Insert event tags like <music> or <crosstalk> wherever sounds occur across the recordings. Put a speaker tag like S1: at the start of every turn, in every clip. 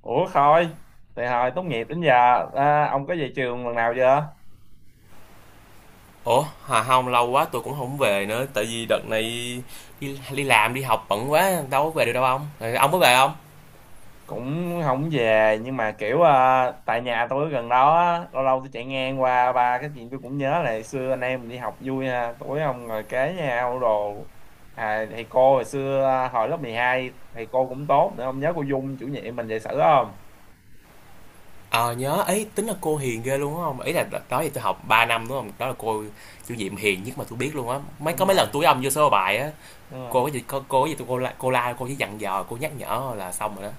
S1: Ủa Khôi, từ hồi tốt nghiệp đến giờ ông có về trường lần nào chưa?
S2: Ủa, Hà, không lâu quá tôi cũng không về nữa, tại vì đợt này đi làm đi học bận quá, đâu có về được đâu ông. Rồi ông có về không?
S1: Cũng không về nhưng mà kiểu tại nhà tôi ở gần đó á, lâu lâu tôi chạy ngang qua ba cái chuyện tôi cũng nhớ là hồi xưa anh em mình đi học vui ha, tối ông ngồi kế nhau đồ. Thầy cô hồi xưa hồi lớp 12 thầy cô cũng tốt nữa, ông nhớ cô Dung chủ nhiệm mình dạy sử không?
S2: Ờ, nhớ ấy, tính là cô hiền ghê luôn đúng không? Ý là đợt đó thì tôi học 3 năm đúng không? Đó là cô chủ nhiệm hiền nhất mà tôi biết luôn á. Mấy có
S1: Đúng
S2: mấy
S1: rồi,
S2: lần tôi với ông vô sơ bài á,
S1: đúng rồi.
S2: cô có gì tôi cô la cô chỉ dặn dò, cô nhắc nhở là xong rồi đó.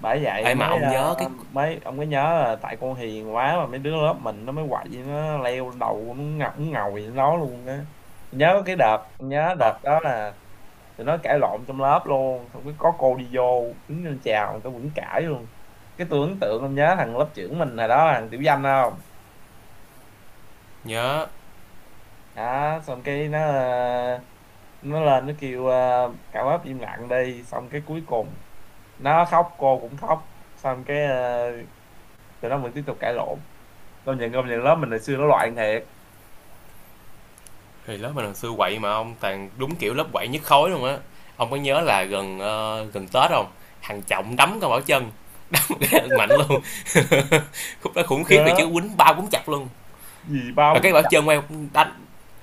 S1: Bởi vậy
S2: Ê mà
S1: mới
S2: ông nhớ
S1: ờ,
S2: cái.
S1: mới ông mới nhớ là tại con hiền quá mà mấy đứa lớp mình nó mới quậy, nó leo đầu nó ngọc, nó ngồi nó nói luôn á. Nhớ cái đợt, nhớ
S2: Ờ,
S1: đợt đó là tụi nó cãi lộn trong lớp luôn, xong cái có cô đi vô đứng lên chào tao vẫn cãi luôn. Cái tôi ấn tượng, ông nhớ thằng lớp trưởng mình hồi đó thằng Tiểu Danh không?
S2: Nhớ.
S1: Đó xong cái nó lên nó kêu cả lớp im lặng đi, xong cái cuối cùng nó khóc cô cũng khóc, xong cái tụi nó vẫn tiếp tục cãi lộn. Công nhận công nhận lớp mình hồi xưa nó loạn thiệt.
S2: Thì lớp mình hồi xưa quậy mà ông toàn đúng kiểu lớp quậy nhất khối luôn á. Ông có nhớ là gần gần Tết không? Thằng Trọng đấm con Bảo Trân <laughs> mạnh luôn <laughs> khúc đó khủng khiếp, thì chứ
S1: Nhớ
S2: quýnh ba quýnh chặt luôn.
S1: gì ba
S2: Rồi
S1: bốn
S2: cái bảo
S1: chập.
S2: chân quay đánh.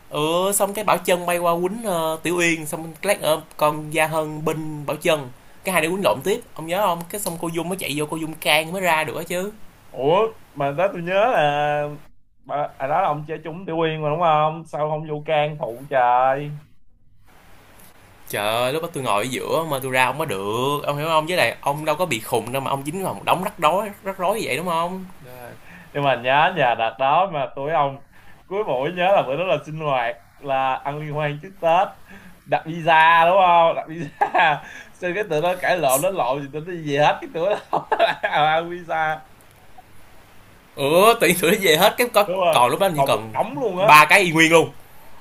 S2: Xong cái bảo chân bay qua quýnh tiểu uyên, xong lát ở con gia hân binh bảo chân, cái hai đứa quýnh lộn tiếp ông nhớ không? Cái xong cô dung mới chạy vô, cô dung can mới ra được á chứ.
S1: Ủa mà đó tôi nhớ là bà, à đó là ông chơi trúng Tiểu Uyên mà đúng không, sao không vô can phụ trời.
S2: Trời ơi, lúc đó tôi ngồi ở giữa mà tôi ra không có được ông hiểu không, với lại ông đâu có bị khùng đâu mà ông dính vào một đống rắc rối vậy đúng không?
S1: Rồi. Nhưng mà nhớ nhà đợt đó mà tụi ông, cuối buổi nhớ là bữa đó là sinh hoạt, là ăn liên hoan trước Tết. Đặt visa đúng không, đặt visa <laughs> xin, cái tụi nó cãi lộn nó lộn gì tụi nó gì hết, cái tụi nó <laughs> không ăn visa.
S2: Ừ, tự nhiên tụi nó về hết, cái có
S1: Đúng rồi,
S2: còn lúc đó chỉ
S1: còn một
S2: còn
S1: đống luôn á.
S2: ba cái y nguyên luôn.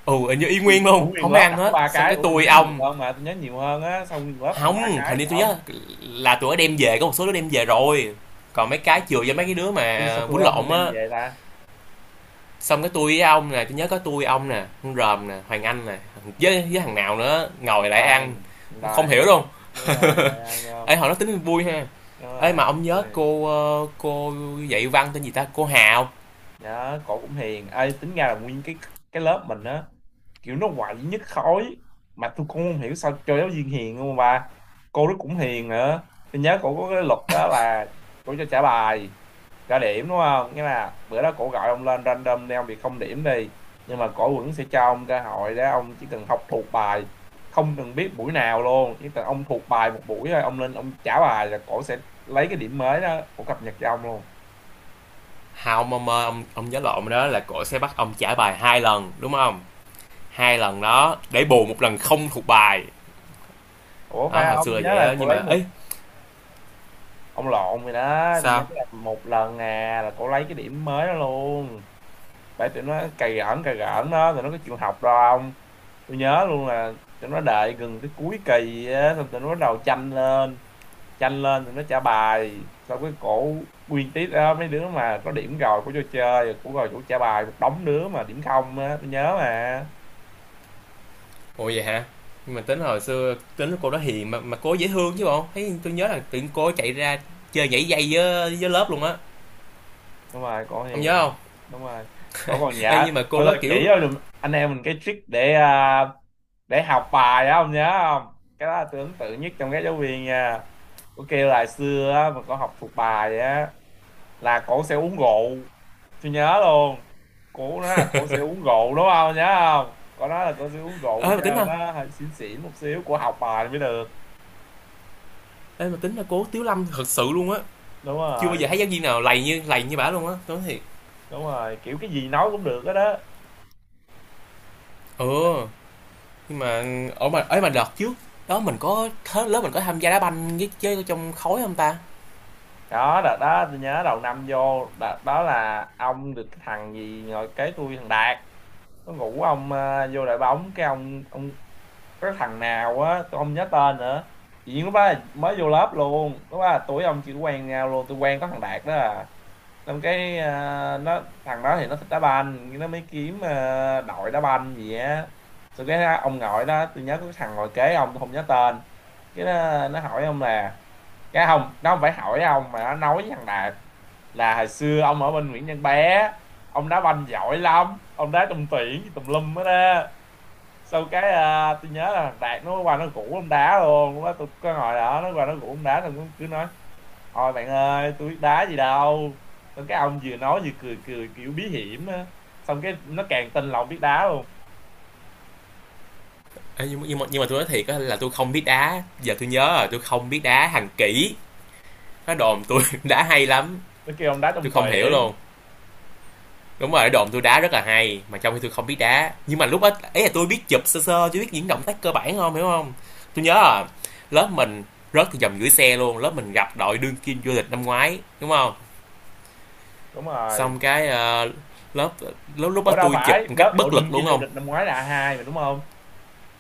S2: Ừ, hình như y
S1: Gì?
S2: nguyên
S1: Ủa
S2: luôn
S1: nguyên
S2: không ai
S1: lớp
S2: ăn
S1: đặt có
S2: hết,
S1: ba
S2: xong
S1: cái?
S2: cái
S1: Ủa tôi
S2: tôi
S1: nhớ nhiều
S2: ông.
S1: hơn mà, tôi nhớ nhiều hơn á. Xong nguyên lớp ăn ba
S2: Hông,
S1: cái
S2: hình như tôi
S1: ông
S2: nhớ là tụi nó đem về, có một số đứa đem về rồi. Còn mấy cái
S1: đem
S2: chừa cho mấy
S1: về.
S2: cái đứa
S1: Tôi
S2: mà
S1: sao tôi
S2: bún
S1: không không
S2: lộn
S1: đem
S2: á.
S1: về ta.
S2: Xong cái tôi với ông nè, tôi nhớ có tôi ông nè, con Ròm nè, Hoàng Anh nè, với thằng nào nữa
S1: Tôi
S2: ngồi lại ăn,
S1: Toàn,
S2: không hiểu
S1: Toàn.
S2: luôn.
S1: Đúng
S2: <laughs>
S1: rồi toàn ăn không.
S2: Ê hồi đó tính vui ha.
S1: Đúng
S2: Ê
S1: rồi,
S2: mà
S1: đúng
S2: ông nhớ
S1: rồi.
S2: cô cô dạy văn tên gì ta? Cô Hào.
S1: Nhớ, cổ cũng hiền. Ê tính ra là nguyên cái lớp mình á, kiểu nó quậy nhất khối, mà tôi cũng không hiểu sao cho giáo viên hiền không, mà cô đó cũng hiền nữa. Tôi nhớ cổ có cái luật đó là cổ cho trả bài, trả điểm, đúng không, nghĩa là bữa đó cổ gọi ông lên random đi, ông bị không điểm đi, nhưng mà cổ vẫn sẽ cho ông cơ hội đó. Ông chỉ cần học thuộc bài, không cần biết buổi nào luôn, chỉ cần ông thuộc bài một buổi thôi, ông lên ông trả bài là cổ sẽ lấy cái điểm mới đó, cổ cập nhật cho ông luôn.
S2: Hào, mà ông nhớ lộn đó, là cô sẽ bắt ông trả bài 2 lần, đúng không? Hai lần đó để bù một lần không thuộc bài.
S1: Ủa
S2: Đó,
S1: phải
S2: hồi
S1: không,
S2: xưa
S1: tôi
S2: là
S1: nhớ
S2: vậy
S1: là
S2: á,
S1: cổ
S2: nhưng
S1: lấy
S2: mà ấy
S1: một. Ông lộn rồi đó, tôi nhắn
S2: sao?
S1: là một lần à, là cô lấy cái điểm mới đó luôn. Phải, tụi nó cày gỡn đó, tụi nó có chịu học đâu. Không, tôi nhớ luôn là tụi nó đợi gần cái cuối kỳ á, xong tụi nó bắt đầu tranh lên, tranh lên tụi nó trả bài, xong cái cổ nguyên tiết đó mấy đứa mà có điểm rồi của cho chơi của, rồi chủ trả bài một đống đứa mà điểm không á, tôi nhớ mà.
S2: Ủa vậy hả? Nhưng mà tính hồi xưa tính cô đó hiền, mà cô ấy dễ thương chứ bộ. Thấy tôi nhớ là tự nhiên cô ấy chạy ra chơi nhảy dây với lớp luôn á.
S1: Đúng rồi, cổ
S2: Không
S1: hiền.
S2: nhớ không?
S1: Đúng rồi, cổ còn
S2: Ê,
S1: nhớ,
S2: nhưng mà cô
S1: cổ
S2: đó
S1: còn chỉ
S2: kiểu,
S1: cho anh em mình cái trick để để học bài á, ông nhớ không? Cái đó là tôi ấn tượng nhất trong các giáo viên nha. Có kêu là xưa á, mà cổ học thuộc bài vậy á là cổ sẽ uống rượu. Tôi nhớ luôn, cổ nói là cổ sẽ uống rượu đúng không, nhớ không, cổ nói là cổ sẽ uống rượu
S2: ê mà tính
S1: cho
S2: ha.
S1: nó hơi xỉn xỉn một xíu, cổ học bài mới được.
S2: Ê mà tính là cô Tiếu Lâm thật sự luôn á.
S1: Đúng
S2: Chưa bao giờ
S1: rồi,
S2: thấy giáo viên nào lầy như bả luôn á, tôi nói thiệt.
S1: đúng rồi, kiểu cái gì nói cũng được hết đó.
S2: Ừ, nhưng mà ở mà ấy mà đợt trước đó mình có hết, lớp mình có tham gia đá banh với chơi trong khối không ta?
S1: Đó, đợt đó tôi nhớ đầu năm vô, đợt đó là ông được cái thằng gì ngồi kế tôi, thằng Đạt nó ngủ, ông vô đội bóng, cái ông cái thằng nào á tôi không nhớ tên nữa. Chỉ lúc đó là mới vô lớp luôn, lúc đó là tuổi ông chỉ quen nhau luôn, tôi quen có thằng Đạt đó à. Xong cái nó, thằng đó thì nó thích đá banh nhưng nó mới kiếm đội đá banh gì á. Xong cái ông ngồi đó, tôi nhớ có cái thằng ngồi kế ông tôi không nhớ tên. Cái nó hỏi ông là, cái không nó không phải hỏi ông mà nó nói với thằng Đạt là hồi xưa ông ở bên Nguyễn Văn Bé, ông đá banh giỏi lắm, ông đá trong tuyển tùm lum hết á. Sau cái tôi nhớ là thằng Đạt nó qua nó rủ ông đá luôn, lúc đó tôi có ngồi đó, nó qua nó rủ ông đá, thằng cứ nói thôi bạn ơi, tôi biết đá gì đâu. Xong cái ông vừa nói vừa cười cười kiểu bí hiểm á. Xong cái nó càng tin lòng biết đá luôn.
S2: Ê, nhưng mà tôi nói thiệt á là tôi không biết đá. Giờ tôi nhớ rồi, tôi không biết đá hàng kỹ. Nó đồn tôi <laughs> đá hay lắm.
S1: Nó kêu ông đá trong
S2: Tôi không hiểu
S1: tuyển.
S2: luôn. Đúng rồi, đồn tôi đá rất là hay, mà trong khi tôi không biết đá, nhưng mà lúc đó ấy là tôi biết chụp sơ sơ chứ biết những động tác cơ bản không hiểu không? Tôi nhớ là lớp mình rớt từ vòng gửi xe luôn, lớp mình gặp đội đương kim vô địch năm ngoái đúng không?
S1: Đúng rồi.
S2: Xong cái lớp lúc lúc đó
S1: Ủa đâu
S2: tôi chụp
S1: phải,
S2: một cách
S1: lớp ở
S2: bất lực
S1: đương kim
S2: luôn
S1: vô
S2: không.
S1: địch năm ngoái là A2 mà đúng không?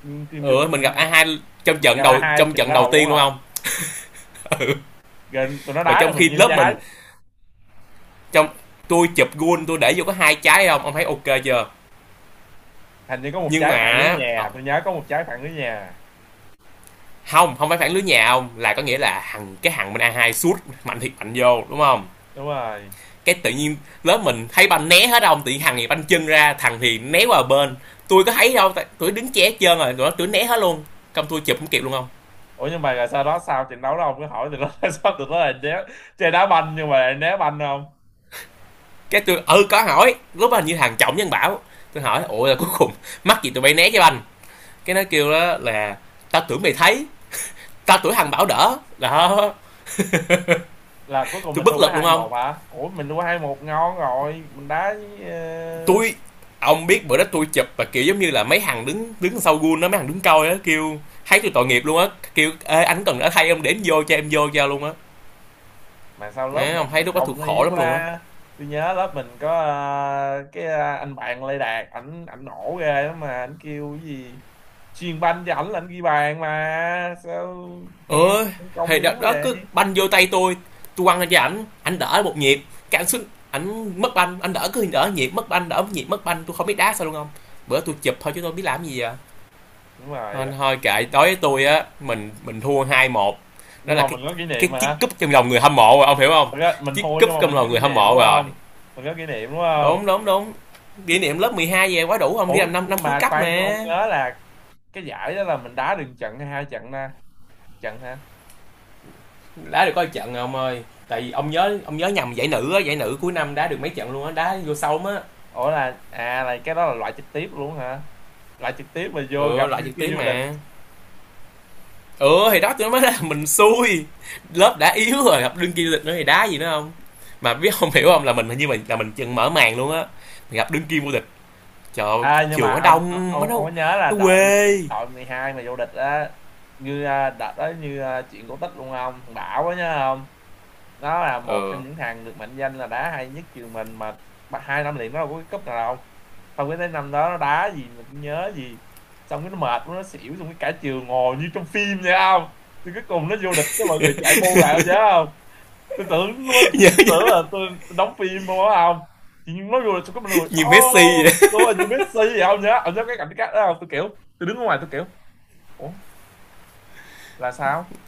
S1: Đương kim vô
S2: Ừ,
S1: địch
S2: mình
S1: năm
S2: gặp a
S1: ngoái.
S2: hai trong trận
S1: Gặp
S2: đầu
S1: A2
S2: trong
S1: chừng
S2: trận
S1: ở
S2: đầu
S1: đầu
S2: tiên
S1: luôn
S2: luôn
S1: hả?
S2: không. <laughs> Ừ.
S1: Gần tụi nó
S2: Và
S1: đá cho
S2: trong
S1: mình
S2: khi
S1: nhiêu
S2: lớp
S1: trái.
S2: mình trong tôi chụp gôn tôi để vô có 2 trái không ông thấy ok chưa?
S1: Hình như có một
S2: Nhưng mà
S1: trái phản lưới nhà, tôi nhớ có một trái phản lưới nhà.
S2: không, không phải phản lưới nhà ông, là có nghĩa là thằng cái thằng bên A2 sút mạnh thiệt mạnh vô đúng không?
S1: Đúng rồi.
S2: Cái tự nhiên lớp mình thấy banh né hết ông, tự nhiên thằng thì banh chân ra thằng thì né qua bên, tôi có thấy đâu tại- tôi đứng che hết trơn rồi tụi nó tụi né hết luôn, công tôi chụp không kịp luôn không.
S1: Ủa nhưng mà rồi sau đó sao trận đấu đó ông cứ hỏi tụi nó <laughs> sao tụi nó lại né chơi đá banh nhưng mà lại né banh không?
S2: Cái tôi ừ có hỏi lúc đó hình như thằng Trọng Nhân bảo, tôi hỏi ủa là cuối cùng mắc gì tụi bay né cái banh, cái nó kêu đó là tao tưởng mày thấy, tao tưởng thằng bảo đỡ đó.
S1: Là cuối cùng
S2: Tôi
S1: mình
S2: bất
S1: thua có
S2: lực luôn
S1: hai
S2: không.
S1: một hả, ủa mình thua hai một ngon rồi, mình đá với
S2: Tôi, ông biết bữa đó tôi chụp và kiểu giống như là mấy thằng đứng đứng sau gun đó, mấy thằng đứng coi đó kêu thấy tôi tội nghiệp luôn á, kêu ê anh cần đã thay em đến vô cho em vô cho luôn á.
S1: mà sao lớp
S2: Mẹ
S1: mình
S2: ông thấy
S1: nhìn
S2: lúc đó tôi
S1: công nó
S2: khổ
S1: yếu
S2: lắm luôn á.
S1: quá. Tôi nhớ lớp mình có anh bạn Lê Đạt, ảnh ảnh nổ ghê lắm, mà ảnh kêu cái gì chuyền banh cho ảnh là ảnh ghi bàn, mà sao nghe
S2: Ơi,
S1: công
S2: thì đó,
S1: yếu
S2: đó
S1: vậy.
S2: cứ banh vô tay tôi quăng lên cho ảnh, ảnh đỡ một nhịp, cái ảnh xuống ảnh mất banh, ảnh đỡ cứ đỡ nhịp mất banh, đỡ nhịp mất banh, tôi không biết đá sao luôn không. Bữa tôi chụp thôi chứ tôi biết làm gì giờ.
S1: Đúng rồi,
S2: Thôi, thôi kệ, đối với tôi á mình thua 2-1, đó
S1: nhưng
S2: là
S1: mà
S2: cái
S1: mình có kỷ
S2: cái
S1: niệm
S2: chiếc
S1: mà.
S2: cúp trong lòng người hâm mộ rồi ông hiểu không,
S1: Thật ra mình
S2: chiếc
S1: thua
S2: cúp
S1: nhưng mà
S2: trong
S1: mình
S2: lòng
S1: có kỷ
S2: người hâm
S1: niệm
S2: mộ
S1: đúng
S2: rồi.
S1: không, mình có kỷ niệm đúng không.
S2: Đúng đúng đúng. Kỷ niệm lớp 12 về quá đủ, ông đi
S1: Ủa
S2: làm 5 năm
S1: nhưng
S2: cuối
S1: mà
S2: cấp
S1: khoan, tôi không
S2: mà.
S1: nhớ là cái giải đó là mình đá được trận hay hai trận nè. Trận hả.
S2: Đá được có một trận ông ơi, tại vì ông nhớ, ông nhớ nhầm, giải nữ á, giải nữ cuối năm đá được mấy trận luôn á, đá vô sâu á.
S1: Ủa là cái đó là loại trực tiếp luôn hả, loại trực tiếp mà vô
S2: Ừ,
S1: gặp
S2: loại
S1: đứa
S2: trực
S1: kia
S2: tiếp
S1: vô địch.
S2: mà. Ừ thì đó tôi nói là <laughs> mình xui, lớp đã yếu rồi gặp đương kim vô địch nữa thì đá gì nữa không, mà biết không hiểu không, là mình hình như mình là mình chừng mở màn luôn á, mình gặp đương kim vô địch. Trời ơi,
S1: À nhưng
S2: trường
S1: mà
S2: nó
S1: ông ông
S2: đông, nó
S1: ông ông
S2: nó,
S1: có nhớ là đội,
S2: quê.
S1: đội 12 mà vô địch á, đợt đó như chuyện cổ tích luôn không? Thằng Bảo á nhớ không, nó là một
S2: Ừ.
S1: trong những thằng được mệnh danh là đá hay nhất trường mình mà, hai năm liền nó đâu có cái cúp nào đâu, xong cái tới năm đó nó đá gì mình cũng nhớ gì. Xong cái nó mệt quá, nó xỉu, xong cái cả trường ngồi như trong phim vậy không, thì cuối cùng nó vô địch cái mọi người chạy bu lại không nhớ. Tôi tưởng luôn,
S2: <laughs> Như, như,
S1: tưởng là tôi đóng phim không á. Không, chị Nhung nói vô là tôi có một người,
S2: như Messi
S1: oh
S2: vậy.
S1: đúng rồi như Messi vậy không nhá, ông nhớ cái cảnh cắt đó không, tôi kiểu tôi đứng ở ngoài tôi kiểu ủa là sao,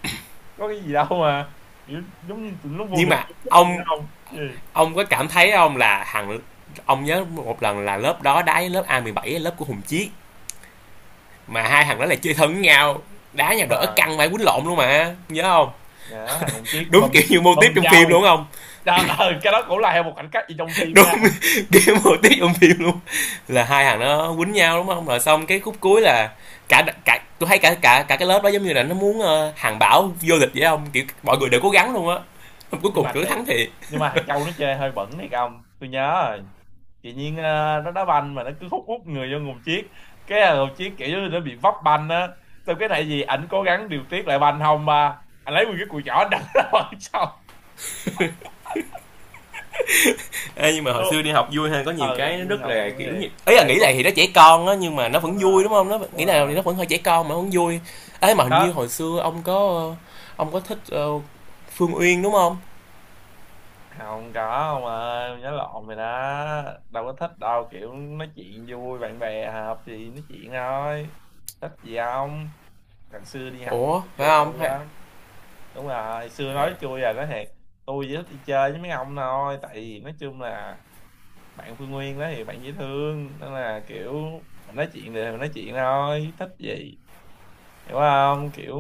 S1: có cái gì đâu mà kiểu, giống như tụi nó vô
S2: Nhưng
S1: địch
S2: mà
S1: vậy
S2: ông
S1: không gì.
S2: ông có cảm thấy không là thằng, ông nhớ một lần là lớp đó đá với lớp A17 lớp của Hùng Chiết mà hai thằng đó là chơi thân với nhau, đá nhau
S1: Đúng
S2: đỡ
S1: rồi,
S2: căng phải quýnh lộn luôn mà nhớ không,
S1: nhà nó thằng Hồng Chiết bầm,
S2: đúng kiểu như mô
S1: bầm
S2: típ trong phim luôn
S1: trâu.
S2: không.
S1: Trời ơi, cái đó cũng là một cảnh cắt gì trong phim
S2: Đúng
S1: nha.
S2: game hồ tiết trong phim luôn, là hai thằng nó quýnh nhau đúng không, rồi xong cái khúc cuối là cả cả tôi thấy cả cả cả cái lớp đó giống như là nó muốn hàng bảo vô địch vậy không, kiểu mọi người đều cố gắng luôn á, cuối
S1: Nhưng
S2: cùng
S1: mà
S2: tụi nó
S1: thiệt,
S2: thắng thiệt.
S1: nhưng mà thằng Châu nó chơi hơi bẩn đấy ông, tôi nhớ rồi. Tự nhiên nó đá banh mà nó cứ hút hút người vô nguồn chiếc, cái là nguồn chiếc kiểu như nó bị vấp banh á, xong cái này gì ảnh cố gắng điều tiết lại banh không mà anh lấy nguyên cái cùi chỏ anh đập <laughs> nó vào sau.
S2: Ê, nhưng mà hồi
S1: Tôi-
S2: xưa đi học vui hơn, có nhiều
S1: ờ
S2: cái nó
S1: Thiên
S2: rất
S1: Ngọc
S2: là
S1: vô
S2: kiểu như
S1: thiệt
S2: ấy, là
S1: à,
S2: nghĩ lại
S1: không,
S2: thì nó trẻ con á, nhưng mà nó
S1: đúng
S2: vẫn vui
S1: rồi,
S2: đúng không, nó
S1: đúng
S2: nghĩ là
S1: rồi,
S2: thì nó vẫn hơi trẻ con mà vẫn vui. Ấy mà hình như
S1: đó.
S2: hồi xưa ông có ông có thích Phương Uyên đúng không?
S1: Không có ông ơi, nhớ lộn rồi đó, đâu có thích đâu, kiểu nói chuyện vui bạn bè hợp thì nói chuyện thôi, thích gì không, ngày xưa đi học
S2: Ủa
S1: tôi
S2: phải
S1: vô tư
S2: không, hay
S1: lắm. Đúng rồi xưa
S2: à?
S1: nói chui nói thiệt, tôi chỉ thích đi chơi với mấy ông thôi, tại vì nói chung là bạn Phương Nguyên đó thì bạn dễ thương, nên là kiểu mình nói chuyện thì mình nói chuyện thôi, thích gì, hiểu không, kiểu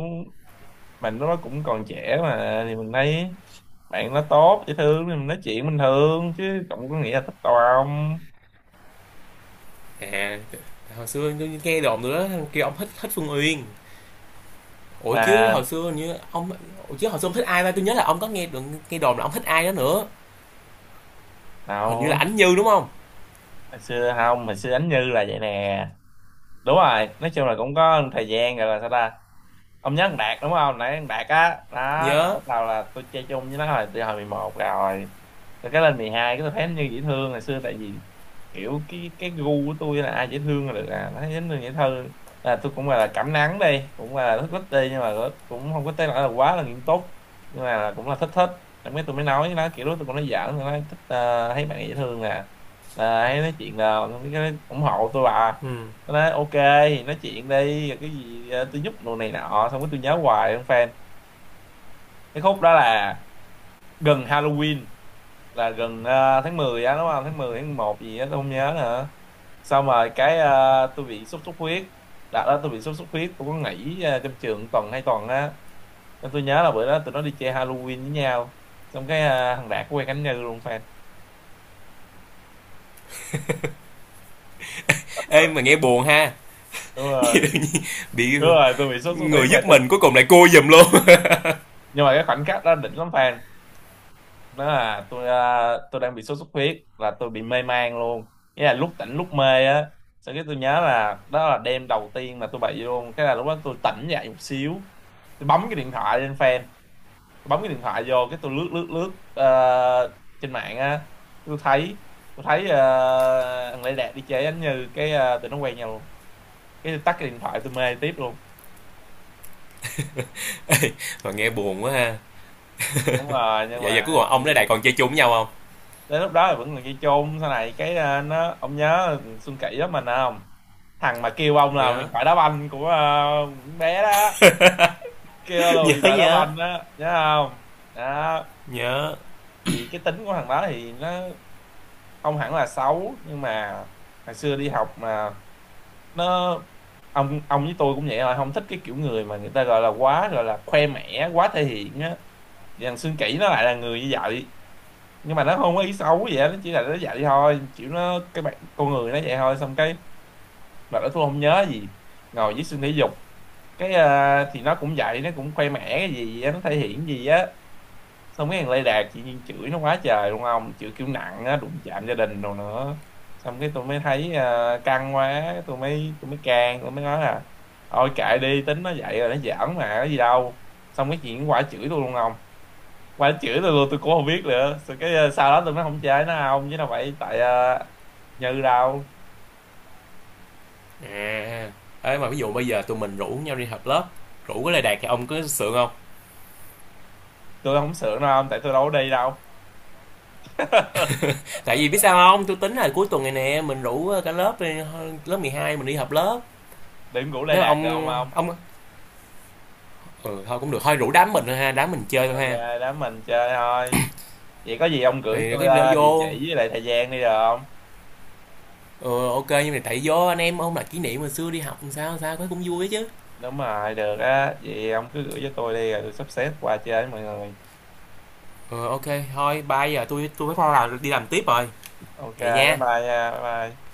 S1: mình lúc đó cũng còn trẻ mà, thì mình thấy bạn nó tốt dễ thương thì mình nói chuyện bình thường chứ cũng có nghĩa là thích đâu không.
S2: À, hồi xưa tôi nghe đồn nữa kêu ông thích thích Phương Uyên. Ủa chứ hồi
S1: Mà
S2: xưa như ông, ủa chứ hồi xưa ông thích ai ta? Tôi nhớ là ông có nghe được, nghe đồn là ông thích ai đó nữa. Hình như là
S1: nào,
S2: Ánh Như đúng không?
S1: hồi xưa không, hồi xưa Ánh Như là vậy nè, đúng rồi, nói chung là cũng có thời gian rồi là sao ta. Ông nhớ thằng Đạt đúng không, nãy thằng Đạt á đó là
S2: Nhớ.
S1: lúc đầu là tôi chơi chung với nó là từ hồi 11 rồi, cái lên 12 cái tôi thấy nó như dễ thương hồi xưa. Tại vì kiểu cái gu của tôi là ai dễ thương là được, à nó thấy dễ thương là tôi cũng là cảm nắng đi, cũng là thích thích đi, nhưng mà cũng không có tới nỗi là quá là nghiêm túc, nhưng mà là cũng là thích thích. Xong cái tôi mới nói với nó kiểu đó, tôi cũng nói giỡn, tôi nói thích, thấy bạn dễ thương nè, hay nói chuyện là cái ủng hộ tôi bà.
S2: Ừ.
S1: Tôi nói ok, nói chuyện đi rồi cái gì tôi giúp đồ này nọ, xong cái tôi nhớ hoài không fan. Cái khúc đó là gần Halloween, là gần tháng 10 á đúng không, tháng 10 tháng 1 gì á tôi không nhớ nữa. Xong rồi cái tôi bị sốt xuất huyết, đợt đó tôi bị sốt xuất huyết tôi có nghỉ trong trường tuần 2 tuần á, nên tôi nhớ là bữa đó tụi nó đi chơi Halloween với nhau. Xong cái thằng Đạt quen Khánh Như luôn fan.
S2: Ê mà nghe buồn ha.
S1: Đúng
S2: <laughs> Nghe tự
S1: rồi,
S2: nhiên bị,
S1: đúng rồi, tôi bị sốt xuất huyết
S2: người
S1: mà
S2: giúp
S1: tôi,
S2: mình cuối cùng lại cô giùm luôn. <laughs>
S1: nhưng mà cái khoảnh khắc đó đỉnh lắm fan. Nó là tôi đang bị sốt xuất huyết và tôi bị mê man luôn, nghĩa là lúc tỉnh lúc mê á. Sau cái tôi nhớ là đó là đêm đầu tiên mà tôi bị luôn, cái là lúc đó tôi tỉnh dậy một xíu, tôi bấm cái điện thoại lên fan, tôi bấm cái điện thoại vô cái tôi lướt lướt lướt trên mạng á. Tôi thấy, tôi thấy uh, thằng Lê Đạt đi chơi anh Như, cái tụi nó quen nhau luôn. Cái tôi tắt cái điện thoại tôi mê tiếp luôn.
S2: Mà nghe buồn quá ha.
S1: Đúng rồi, nhưng
S2: Vậy giờ cuối
S1: mà
S2: cùng ông với Đại còn chơi chung với nhau không?
S1: đến lúc đó thì vẫn còn dây chôn. Sau này cái nó, ông nhớ Xuân Kỷ đó mình không, thằng mà kêu ông là huyền
S2: Nhớ.
S1: thoại đá banh của con bé đó, kêu là
S2: <laughs> Nhớ
S1: huyền thoại đá
S2: nhớ.
S1: banh đó nhớ không. Đó
S2: Nhớ.
S1: thì cái tính của thằng đó thì nó không hẳn là xấu, nhưng mà hồi xưa đi học mà nó, ông với tôi cũng vậy, là không thích cái kiểu người mà người ta gọi là quá, gọi là khoe mẽ, quá thể hiện á. Thì thằng Xuân Kỷ nó lại là người như vậy, nhưng mà nó không có ý xấu gì hết, nó chỉ là nó dạy thôi, kiểu nó cái bạn con người nó vậy thôi. Xong cái mà nó tôi không nhớ gì, ngồi dưới sân thể dục cái thì nó cũng vậy, nó cũng khoe mẽ cái gì á, nó thể hiện gì á. Xong cái thằng Lê Đạt chị nhiên chửi nó quá trời luôn, không chửi kiểu nặng á, đụng chạm gia đình đồ nữa. Xong cái tôi mới thấy căng quá, tôi mới can, tôi mới nói là thôi kệ đi, tính nó vậy rồi, nó giỡn mà có gì đâu. Xong cái chuyện nó quả chửi tôi luôn không, mà chửi tôi luôn tôi cũng không biết nữa. Rồi cái sau đó tôi mới không chơi nó, không chứ đâu phải tại Như đâu.
S2: À. Ê mà ví dụ bây giờ tụi mình rủ nhau đi họp lớp, rủ cái Lê Đạt thì ông có sượng không?
S1: Tôi không sướng đâu ông, tại tôi đâu có đi đâu.
S2: Tại vì biết sao không, tôi tính là cuối tuần này nè mình rủ cả lớp, lớp 12 mình đi họp lớp.
S1: Điểm ngủ Lê
S2: Nếu
S1: Đạt
S2: ông
S1: được không ông.
S2: ông ừ, thôi cũng được, thôi rủ đám mình thôi ha, đám mình chơi thôi
S1: Ok,
S2: ha.
S1: đám mình chơi thôi. Vậy có gì ông gửi
S2: Thì có
S1: tôi
S2: lỡ
S1: địa chỉ
S2: vô,
S1: với lại thời gian đi được không.
S2: ừ, ok nhưng mà tại vô anh em không là kỷ niệm hồi xưa đi học sao sao cái cũng vui chứ.
S1: Đúng rồi, được á, vậy ông cứ gửi cho tôi đi rồi tôi sắp xếp qua chơi với mọi người.
S2: Ừ, ok. Thôi bây giờ tôi phải là đi làm tiếp rồi.
S1: Ok,
S2: Vậy
S1: bye
S2: nha.
S1: bye nha, bye bye.